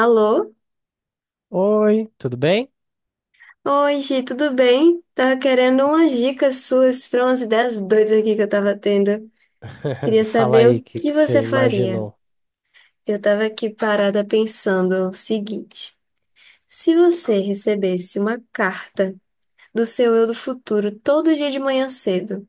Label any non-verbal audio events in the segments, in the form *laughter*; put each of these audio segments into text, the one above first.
Alô? Oi, tudo bem? Oi, Gi, tudo bem? Tava querendo umas dicas suas para umas ideias doidas aqui que eu tava tendo. Queria *laughs* Fala saber aí o o que que que você você faria. imaginou. Eu tava aqui parada pensando o seguinte: se você recebesse uma carta do seu eu do futuro todo dia de manhã cedo,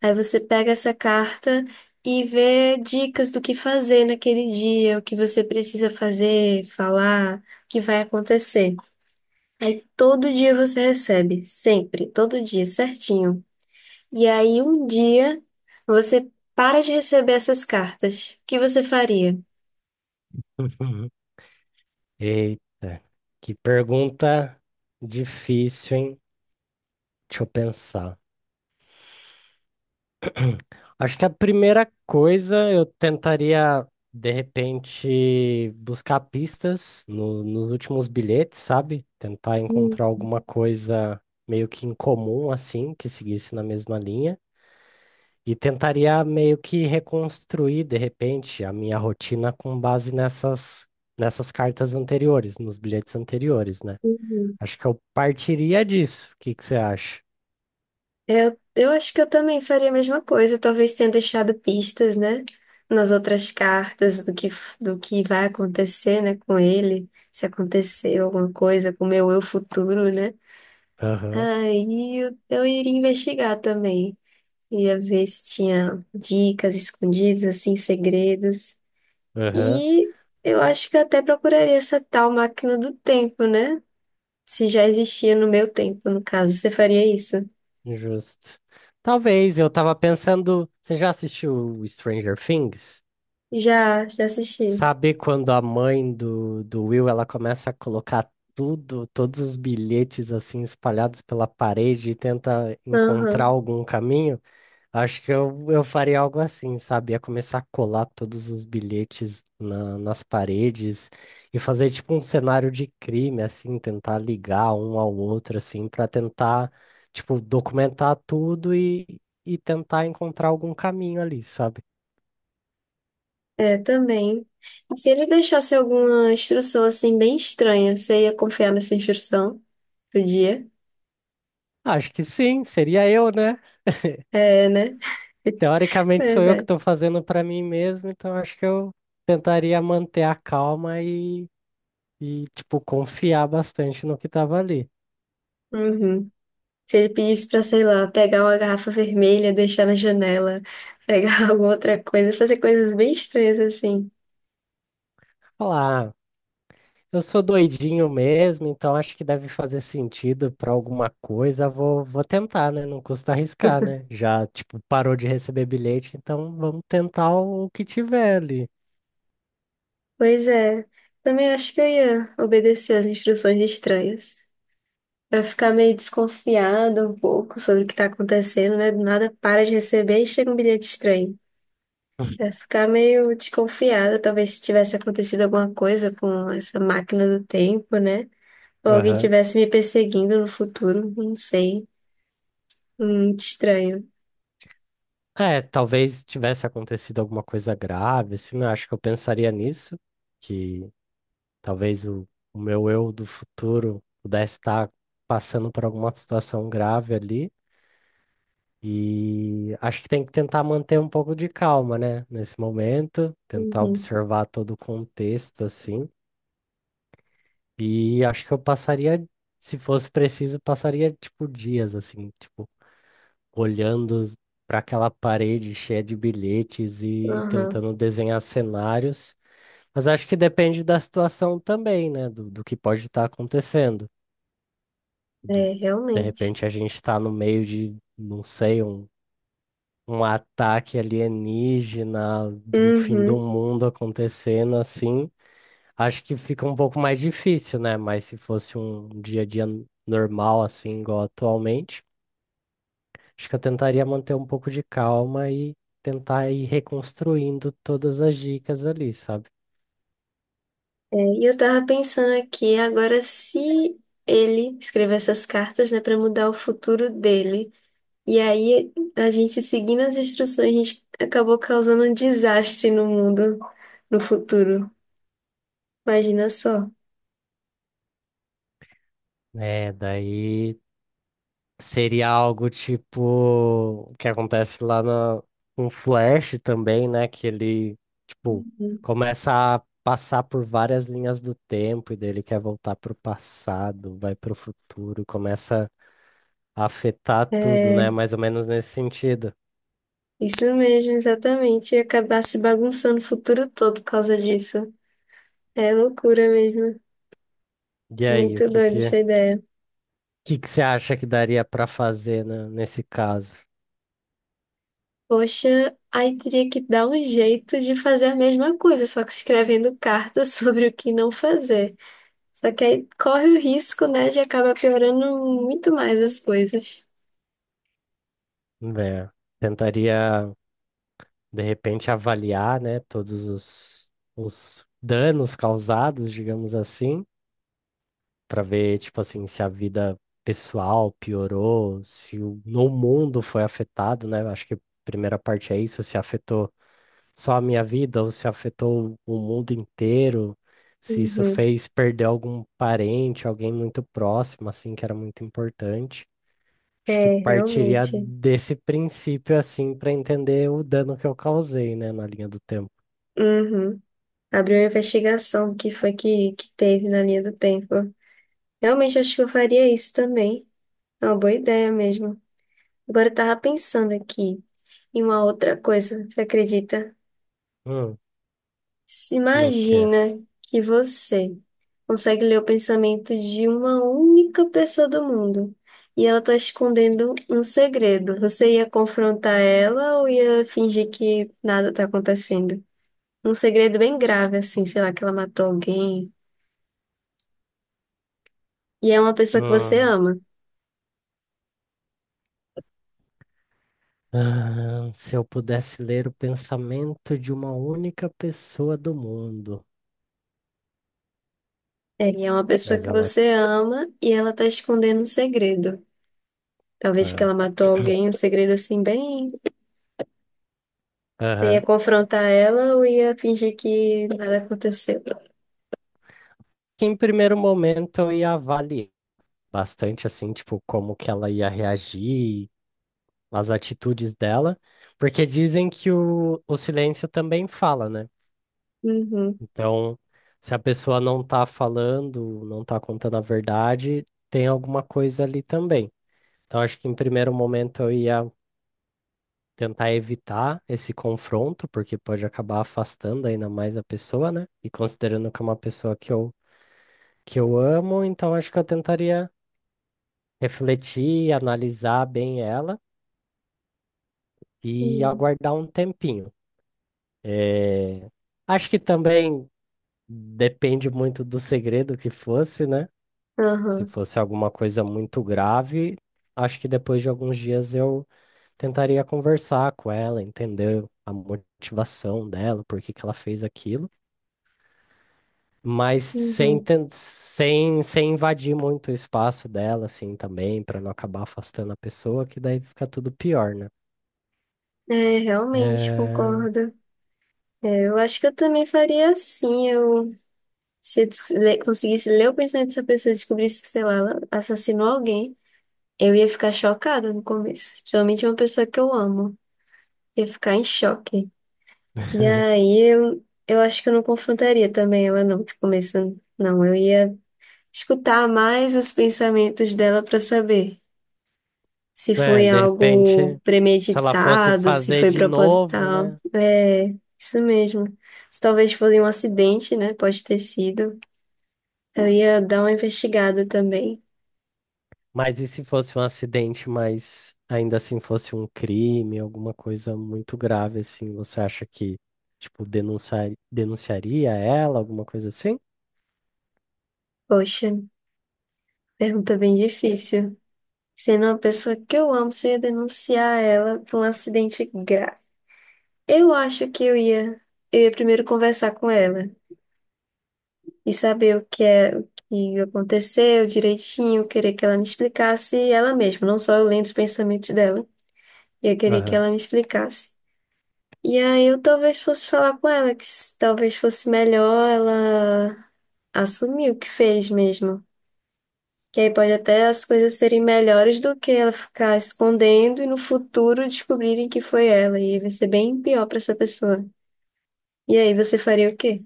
aí você pega essa carta e vê dicas do que fazer naquele dia, o que você precisa fazer, falar, o que vai acontecer. Aí todo dia você recebe, sempre, todo dia, certinho. E aí um dia você para de receber essas cartas. O que você faria? *laughs* Eita, que pergunta difícil, hein? Deixa eu pensar. Acho que a primeira coisa eu tentaria, de repente, buscar pistas nos últimos bilhetes, sabe? Tentar Hum, encontrar alguma coisa meio que incomum, assim, que seguisse na mesma linha. E tentaria meio que reconstruir, de repente, a minha rotina com base nessas cartas anteriores, nos bilhetes anteriores, né? uhum. Acho que eu partiria disso. O que que você acha? Eu acho que eu também faria a mesma coisa, talvez tenha deixado pistas, né, nas outras cartas do que vai acontecer, né, com ele, se aconteceu alguma coisa com o meu eu futuro, né? Aham, Aí eu iria investigar também. Ia ver se tinha dicas escondidas, assim, segredos. aham, E eu acho que eu até procuraria essa tal máquina do tempo, né? Se já existia no meu tempo, no caso, você faria isso? justo. Talvez, eu tava pensando. Você já assistiu Stranger Things? Já assisti. Sabe quando a mãe do Will ela começa a colocar tudo, todos os bilhetes assim espalhados pela parede e tenta encontrar Aham, algum caminho? Acho que eu faria algo assim, sabe? Ia começar a colar todos os bilhetes nas paredes e fazer tipo um cenário de crime, assim, tentar ligar um ao outro, assim, para tentar, tipo, documentar tudo e tentar encontrar algum caminho ali, sabe? é, também. E se ele deixasse alguma instrução, assim, bem estranha, você ia confiar nessa instrução pro dia? Acho que sim, seria eu, né? É, né? *laughs* Teoricamente sou eu que Verdade. estou fazendo para mim mesmo, então acho que eu tentaria manter a calma e tipo, confiar bastante no que estava ali. Uhum. Se ele pedisse pra, sei lá, pegar uma garrafa vermelha, deixar na janela, pegar *laughs* alguma outra coisa, fazer coisas bem estranhas assim. Falar. "Ah, eu sou doidinho mesmo, então acho que deve fazer sentido para alguma coisa. Vou tentar, né? Não custa arriscar, né? Já, tipo, parou de receber bilhete, então vamos tentar o que tiver ali. Pois é, também acho que eu ia obedecer às instruções estranhas. Vai ficar meio desconfiada um pouco sobre o que tá acontecendo, né? Do nada para de receber e chega um bilhete estranho. Vai ficar meio desconfiada, talvez se tivesse acontecido alguma coisa com essa máquina do tempo, né? Ou alguém Aham. tivesse me perseguindo no futuro, não sei. Muito estranho. É, talvez tivesse acontecido alguma coisa grave, assim, né? Acho que eu pensaria nisso, que talvez o meu eu do futuro pudesse estar passando por alguma situação grave ali. E acho que tem que tentar manter um pouco de calma, né? Nesse momento, tentar Uhum. observar todo o contexto, assim. E acho que eu passaria, se fosse preciso, passaria, tipo, dias, assim, tipo, olhando para aquela parede cheia de bilhetes e Aham, tentando desenhar cenários. Mas acho que depende da situação também, né? Do que pode estar acontecendo. Do- é, de realmente. repente a gente está no meio de, não sei, um ataque alienígena, de um fim do Uhum. mundo acontecendo assim, acho que fica um pouco mais difícil, né? Mas se fosse um dia a dia normal, assim, igual atualmente, acho que eu tentaria manter um pouco de calma e tentar ir reconstruindo todas as dicas ali, sabe? É, e eu tava pensando aqui, agora se ele escrever essas cartas, né, para mudar o futuro dele, e aí a gente seguindo as instruções, a gente acabou causando um desastre no mundo no futuro. Imagina só. É, daí. Seria algo tipo o que acontece lá na, com o Flash também, né? Que ele, tipo, Uhum. começa a passar por várias linhas do tempo e daí ele quer voltar pro passado, vai pro futuro, começa a afetar tudo, É, né? Mais ou menos nesse sentido. isso mesmo, exatamente. E acabar se bagunçando o futuro todo por causa disso. É loucura mesmo. E aí, Muito doida o essa ideia. que que você acha que daria pra fazer, né, nesse caso? Poxa, aí teria que dar um jeito de fazer a mesma coisa, só que escrevendo carta *laughs* sobre o que não fazer. Só que aí corre o risco, né, de acabar piorando muito mais as coisas. Né, tentaria, de repente, avaliar, né, os danos causados, digamos assim. Pra ver, tipo assim, se a vida pessoal piorou, se o no mundo foi afetado, né? Eu acho que a primeira parte é isso, se afetou só a minha vida ou se afetou o mundo inteiro, se isso Uhum. fez perder algum parente, alguém muito próximo, assim, que era muito importante. Acho que É, partiria realmente. desse princípio, assim, pra entender o dano que eu causei, né, na linha do tempo. Uhum. Abriu uma investigação do que foi que teve na linha do tempo. Realmente acho que eu faria isso também. É uma boa ideia mesmo. Agora eu tava pensando aqui em uma outra coisa, você acredita? Hum, Se no quê? imagina que você consegue ler o pensamento de uma única pessoa do mundo e ela está escondendo um segredo. Você ia confrontar ela ou ia fingir que nada está acontecendo? Um segredo bem grave, assim, sei lá, que ela matou alguém. E é uma pessoa que você Hum. ama. Ah, se eu pudesse ler o pensamento de uma única pessoa do mundo, É, e é uma pessoa mas que ela você ama e ela está escondendo um segredo. Talvez que tá. ela matou alguém, um segredo assim bem. Você ia Aham. confrontar ela ou ia fingir que nada aconteceu? Que em primeiro momento eu ia avaliar bastante assim, tipo, como que ela ia reagir, as atitudes dela, porque dizem que o silêncio também fala, né? Uhum. Então, se a pessoa não tá falando, não tá contando a verdade, tem alguma coisa ali também. Então, acho que em primeiro momento eu ia tentar evitar esse confronto, porque pode acabar afastando ainda mais a pessoa, né? E considerando que é uma pessoa que eu amo, então acho que eu tentaria refletir, analisar bem ela e Uhum. aguardar um tempinho. Eh, Acho que também depende muito do segredo que fosse, né? Se Aham. fosse alguma coisa muito grave, acho que depois de alguns dias eu tentaria conversar com ela, entender a motivação dela, por que que ela fez aquilo. Mas sem, Uhum. tan- sem, sem invadir muito o espaço dela, assim, também, para não acabar afastando a pessoa, que daí fica tudo pior, né? É, realmente É... concordo. É, eu acho que eu também faria assim. Se eu conseguisse ler o pensamento dessa pessoa e descobrisse que, sei lá, ela assassinou alguém, eu ia ficar chocada no começo. Principalmente uma pessoa que eu amo. Ia ficar em choque. E *laughs* aí eu acho que eu não confrontaria também ela, não, de começo. Não, eu ia escutar mais os pensamentos dela pra saber se É, foi de algo repente, se ela fosse premeditado, se fazer foi de novo, proposital. né? É, isso mesmo. Se talvez fosse um acidente, né? Pode ter sido. Eu ia dar uma investigada também. Mas e se fosse um acidente, mas ainda assim fosse um crime, alguma coisa muito grave, assim, você acha que, tipo, denunciaria ela, alguma coisa assim? Poxa, pergunta bem difícil. Sendo uma pessoa que eu amo, se eu ia denunciar ela por um acidente grave. Eu acho que eu ia primeiro conversar com ela e saber o que é, o que aconteceu direitinho, querer que ela me explicasse ela mesma, não só eu lendo os pensamentos dela. Eu queria que Aham. ela me explicasse. E aí eu talvez fosse falar com ela, que talvez fosse melhor ela assumir o que fez mesmo. Que aí pode até as coisas serem melhores do que ela ficar escondendo e no futuro descobrirem que foi ela. E aí vai ser bem pior pra essa pessoa. E aí você faria o quê?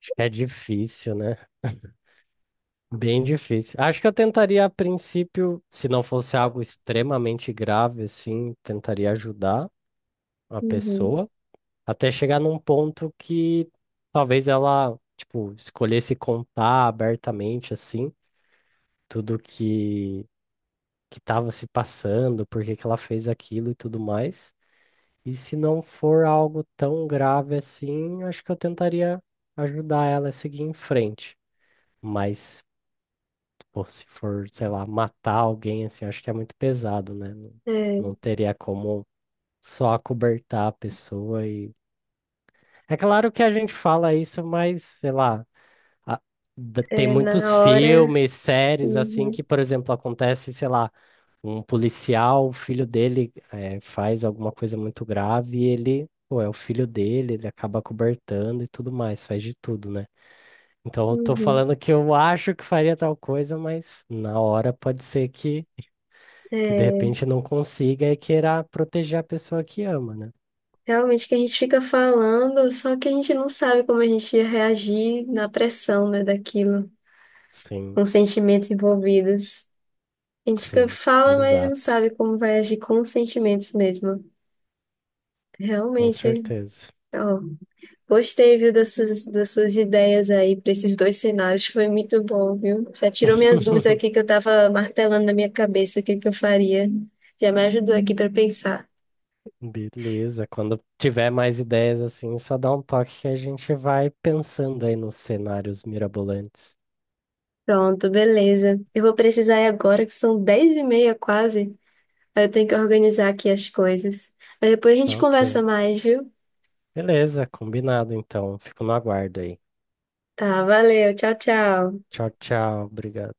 Acho que é difícil, né? Bem difícil. Acho que eu tentaria, a princípio, se não fosse algo extremamente grave, assim, tentaria ajudar a Uhum. pessoa até chegar num ponto que talvez ela, tipo, escolhesse contar abertamente, assim, tudo que estava se passando, por que que ela fez aquilo e tudo mais. E se não for algo tão grave assim, acho que eu tentaria ajudar ela a seguir em frente. Mas pô, se for, sei lá, matar alguém, assim, acho que é muito pesado, né? Não, É, não teria como só acobertar a pessoa e... É claro que a gente fala isso, mas, sei lá, a- tem é, muitos na hora. filmes, séries, assim, Uhum, que, por exemplo, acontece, sei lá, um policial, o filho dele faz alguma coisa muito grave e ele, pô, é o filho dele, ele acaba acobertando e tudo mais, faz de tudo, né? Então, eu tô uhum. falando que eu acho que faria tal coisa, mas na hora pode ser que de É, repente não consiga e queira proteger a pessoa que ama, né? realmente que a gente fica falando, só que a gente não sabe como a gente ia reagir na pressão, né, daquilo. Sim, Com sentimentos envolvidos. A gente fica- sim, fala, mas não exato, sabe como vai agir com os sentimentos mesmo. com Realmente, certeza. ó, gostei, viu, das suas ideias aí para esses dois cenários. Foi muito bom, viu? Já tirou minhas dúvidas *laughs* aqui que eu tava martelando na minha cabeça o que que eu faria. Já me ajudou aqui para pensar. Beleza, quando tiver mais ideias assim, só dá um toque que a gente vai pensando aí nos cenários mirabolantes. Pronto, beleza. Eu vou precisar ir agora, que são 10:30 quase. Aí eu tenho que organizar aqui as coisas. Mas depois a gente Tá conversa ok. mais, viu? Beleza, combinado então. Fico no aguardo aí. Tá, valeu. Tchau, tchau. Tchau, tchau. Obrigado.